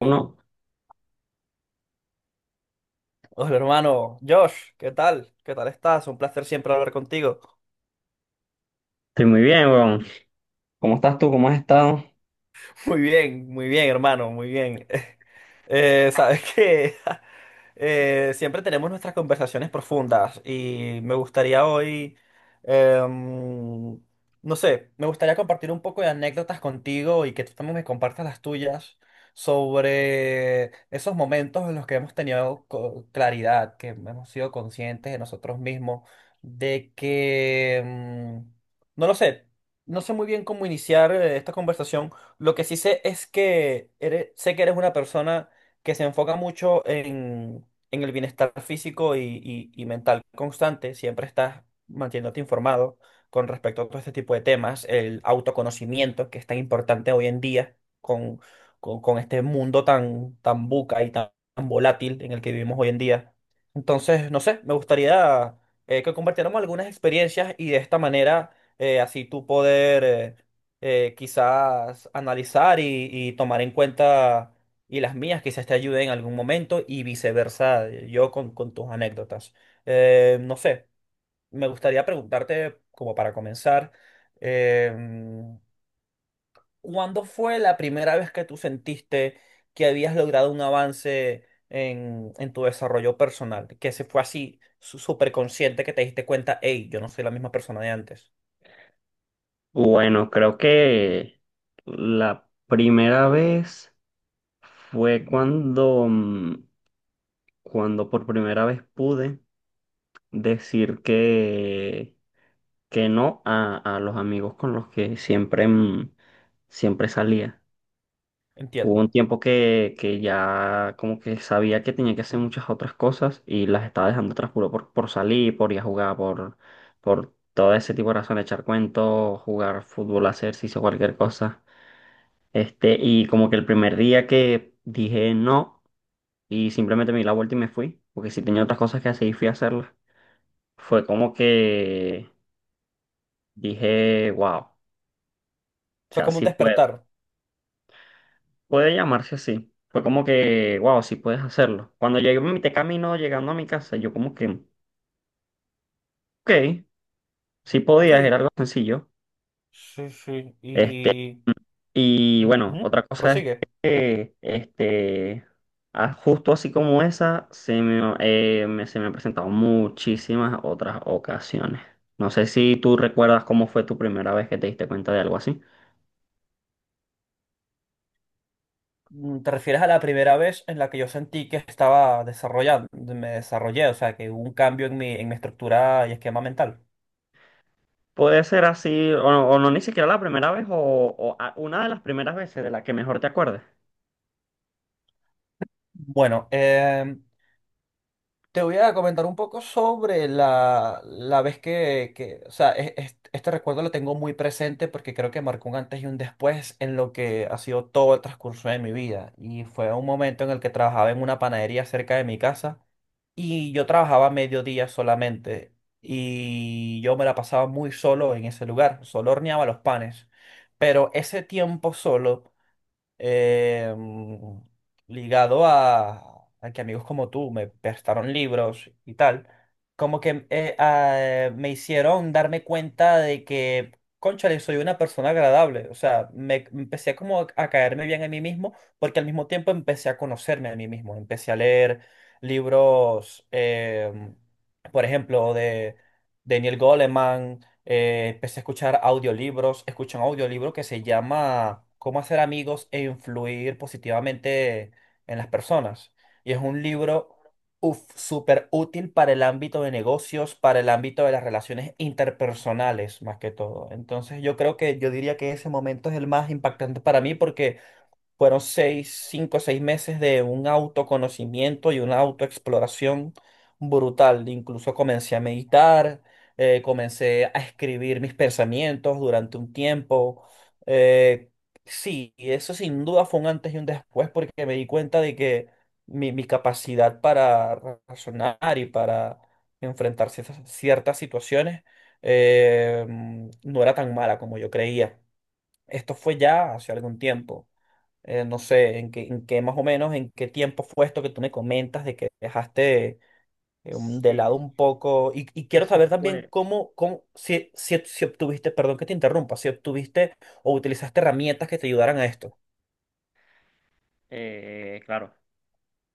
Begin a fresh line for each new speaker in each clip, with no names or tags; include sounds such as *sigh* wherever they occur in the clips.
Uno,
Hola hermano, Josh, ¿qué tal? ¿Qué tal estás? Un placer siempre hablar contigo.
estoy muy bien, weón. ¿Cómo estás tú? ¿Cómo has estado?
Muy bien, hermano, muy bien. *laughs* Sabes que *laughs* siempre tenemos nuestras conversaciones profundas y me gustaría hoy, em, no sé, me gustaría compartir un poco de anécdotas contigo y que tú también me compartas las tuyas sobre esos momentos en los que hemos tenido claridad, que hemos sido conscientes de nosotros mismos, de que, no lo sé. No sé muy bien cómo iniciar esta conversación. Lo que sí sé es que sé que eres una persona que se enfoca mucho en, el bienestar físico y mental constante. Siempre estás manteniéndote informado con respecto a todo este tipo de temas, el autoconocimiento, que es tan importante hoy en día con, con este mundo tan buca y tan volátil en el que vivimos hoy en día. Entonces, no sé, me gustaría que compartiéramos algunas experiencias y de esta manera así tú poder, quizás analizar y tomar en cuenta y las mías quizás te ayuden en algún momento y viceversa, yo con, tus anécdotas. No sé, me gustaría preguntarte, como para comenzar, em, ¿cuándo fue la primera vez que tú sentiste que habías logrado un avance en tu desarrollo personal? Que se fue así, súper consciente, que te diste cuenta, hey, yo no soy la misma persona de antes.
Bueno, creo que la primera vez fue cuando, cuando por primera vez pude decir que no a, a los amigos con los que siempre, siempre salía. Hubo un
Entiendo.
tiempo que ya como que sabía que tenía que hacer muchas otras cosas y las estaba dejando atrás puro por salir, por ir a jugar, por todo ese tipo de razones, echar cuentos, jugar fútbol, hacer ejercicio, cualquier cosa. Este, y como que el primer día que dije no y simplemente me di la vuelta y me fui, porque si tenía otras cosas que hacer y fui a hacerlas, fue como que dije, wow, o
Fue
sea,
como un
sí puedo.
despertar.
Puede llamarse así. Fue como que, wow, sí puedes hacerlo. Cuando llegué en mi camino llegando a mi casa, yo como que, ok, sí podías,
Sí,
era algo sencillo.
sí, sí.
Este, y bueno,
Ujú.
otra cosa es
Prosigue.
que, este, ah, justo así como esa, se me, se me han presentado muchísimas otras ocasiones. No sé si tú recuerdas cómo fue tu primera vez que te diste cuenta de algo así.
¿Te refieres a la primera vez en la que yo sentí que estaba desarrollando, me desarrollé, o sea, que hubo un cambio en mi estructura y esquema mental?
Puede ser así, o no, ni siquiera la primera vez, o una de las primeras veces de la que mejor te acuerdes.
Bueno, te voy a comentar un poco sobre la, vez que, o sea, este recuerdo lo tengo muy presente porque creo que marcó un antes y un después en lo que ha sido todo el transcurso de mi vida. Y fue un momento en el que trabajaba en una panadería cerca de mi casa. Y yo trabajaba mediodía solamente y yo me la pasaba muy solo en ese lugar, solo horneaba los panes. Pero ese tiempo solo eh, mm, ligado a, que amigos como tú me prestaron libros y tal, como que me hicieron darme cuenta de que, cónchale, soy una persona agradable. O sea, me empecé como a caerme bien a mí mismo, porque al mismo tiempo empecé a conocerme a mí mismo. Empecé a leer libros, por ejemplo, de Daniel Goleman. Empecé a escuchar audiolibros, escuché un audiolibro que se llama Cómo hacer amigos e influir positivamente en las personas. Y es un libro uf, súper útil para el ámbito de negocios, para el ámbito de las relaciones interpersonales, más que todo. Entonces yo creo que yo diría que ese momento es el más impactante para mí porque fueron 6, 5 o 6 meses de un autoconocimiento y una autoexploración brutal. Incluso comencé a meditar, comencé a escribir mis pensamientos durante un tiempo. Eh, sí, y eso sin duda fue un antes y un después porque me di cuenta de que mi, capacidad para razonar y para enfrentar ciertas situaciones eh, no era tan mala como yo creía. Esto fue ya hace algún tiempo no sé, en qué más o menos, en qué tiempo fue esto que tú me comentas de que dejaste de
Sí.
lado un poco. Y quiero
Eso
saber también
fue,
cómo, si obtuviste, perdón que te interrumpa, si obtuviste o utilizaste herramientas que te ayudaran a esto.
claro,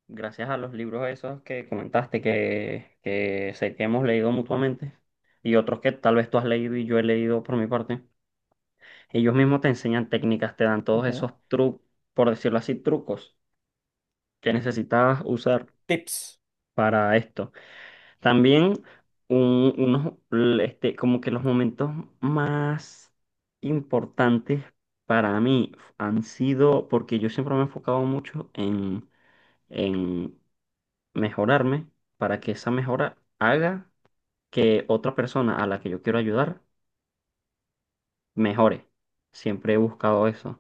gracias a los libros esos que comentaste, que sé que hemos leído mutuamente, y otros que tal vez tú has leído y yo he leído por mi parte, ellos mismos te enseñan técnicas, te dan todos
Ujú.
esos trucos, por decirlo así, trucos que necesitabas usar
Tips.
para esto. También unos, este, como que los momentos más importantes para mí han sido, porque yo siempre me he enfocado mucho en mejorarme para que esa mejora haga que otra persona a la que yo quiero ayudar mejore. Siempre he buscado eso.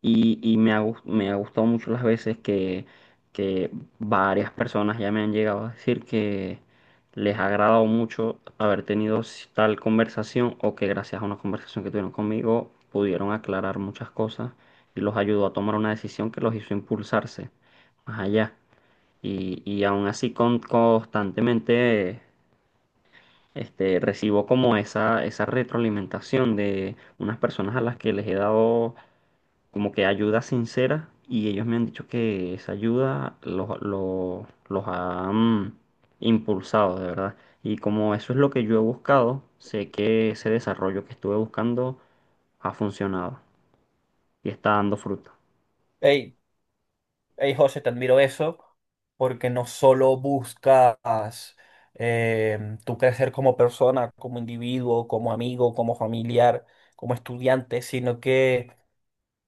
Y me ha, me ha gustado mucho las veces que varias personas ya me han llegado a decir que les ha agradado mucho haber tenido tal conversación o que gracias a una conversación que tuvieron conmigo pudieron aclarar muchas cosas y los ayudó a tomar una decisión que los hizo impulsarse más allá. Y aún así con, constantemente este, recibo como esa retroalimentación de unas personas a las que les he dado como que ayuda sincera y ellos me han dicho que esa ayuda los ha impulsado, de verdad. Y como eso es lo que yo he buscado, sé que ese desarrollo que estuve buscando ha funcionado y está dando fruto.
Ey, Hey, José, te admiro eso porque no solo buscas tu crecer como persona, como individuo, como amigo, como familiar, como estudiante, sino que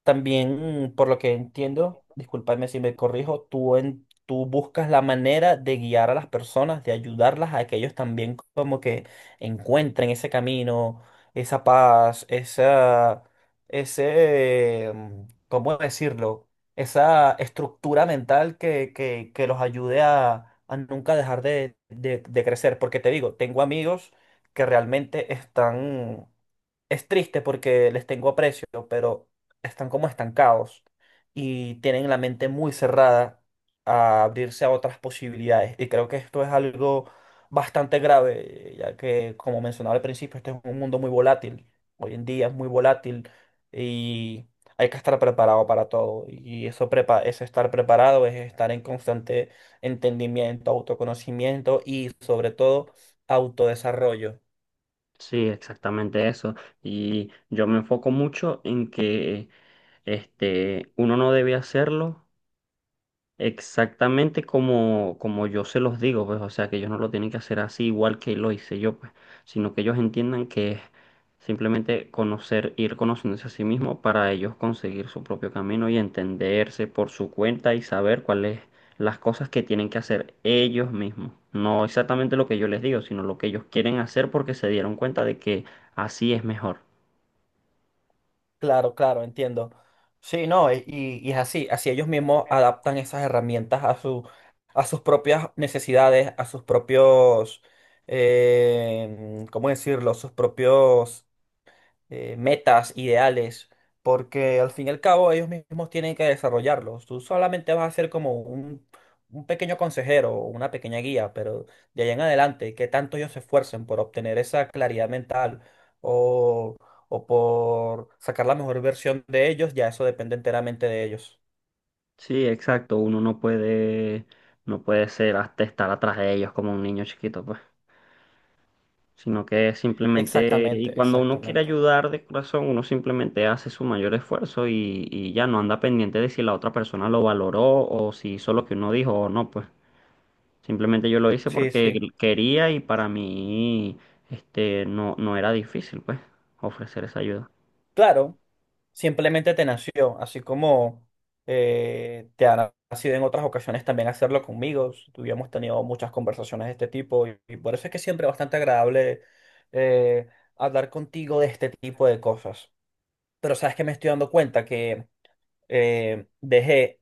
también, por lo que entiendo, discúlpame si me corrijo, tú buscas la manera de guiar a las personas, de ayudarlas a que ellos también como que encuentren ese camino, esa paz, ese, mm, ¿cómo decirlo? Esa estructura mental que los ayude a nunca dejar de crecer. Porque te digo, tengo amigos que realmente están... Es triste porque les tengo aprecio, pero están como estancados y tienen la mente muy cerrada a abrirse a otras posibilidades. Y creo que esto es algo bastante grave, ya que, como mencionaba al principio, este es un mundo muy volátil. Hoy en día es muy volátil y hay que estar preparado para todo. Y eso prepa es estar preparado, es estar en constante entendimiento, autoconocimiento y sobre todo autodesarrollo.
Sí, exactamente eso. Y yo me enfoco mucho en que este, uno no debe hacerlo exactamente como, como yo se los digo, pues, o sea, que ellos no lo tienen que hacer así igual que lo hice yo, pues, sino que ellos entiendan que es simplemente conocer, ir conociéndose a sí mismo para ellos conseguir su propio camino y entenderse por su cuenta y saber cuáles las cosas que tienen que hacer ellos mismos. No exactamente lo que yo les digo, sino lo que ellos quieren hacer porque se dieron cuenta de que así es mejor.
Claro, claro, entiendo. Sí, no, y es así ellos mismos adaptan esas herramientas a su, a sus propias necesidades, a sus propios, ¿cómo decirlo? Sus propios metas, ideales, porque al fin y al cabo ellos mismos tienen que desarrollarlos. Tú solamente vas a ser como un pequeño consejero o una pequeña guía, pero de ahí en adelante, que tanto ellos se esfuercen por obtener esa claridad mental o, o por sacar la mejor versión de ellos, ya eso depende enteramente de ellos.
Sí, exacto, uno no puede, no puede ser hasta estar atrás de ellos como un niño chiquito, pues. Sino que simplemente, y
Exactamente,
cuando uno quiere
exactamente.
ayudar de corazón, uno simplemente hace su mayor esfuerzo y ya no anda pendiente de si la otra persona lo valoró o si hizo lo que uno dijo o no, pues simplemente yo lo hice
Sí,
porque
sí.
quería y para mí este, no, no era difícil, pues, ofrecer esa ayuda.
Claro. Simplemente te nació, así como te ha nacido en otras ocasiones también hacerlo conmigo. Tuvimos tenido muchas conversaciones de este tipo y por eso es que siempre es bastante agradable eh, hablar contigo de este tipo de cosas. Pero sabes que me estoy dando cuenta que dejé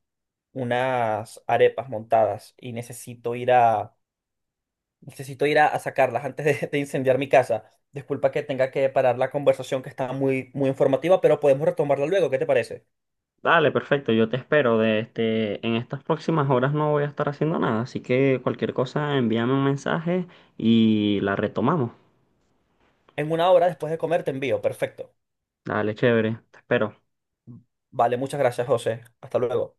unas arepas montadas y necesito ir a sacarlas antes de incendiar mi casa. Disculpa que tenga que parar la conversación que está muy, muy informativa, pero podemos retomarla luego. ¿Qué te parece?
Dale, perfecto, yo te espero. De este, en estas próximas horas no voy a estar haciendo nada, así que cualquier cosa envíame un mensaje y la retomamos.
En 1 hora después de comer te envío. Perfecto.
Dale, chévere, te espero.
Vale, muchas gracias, José. Hasta luego.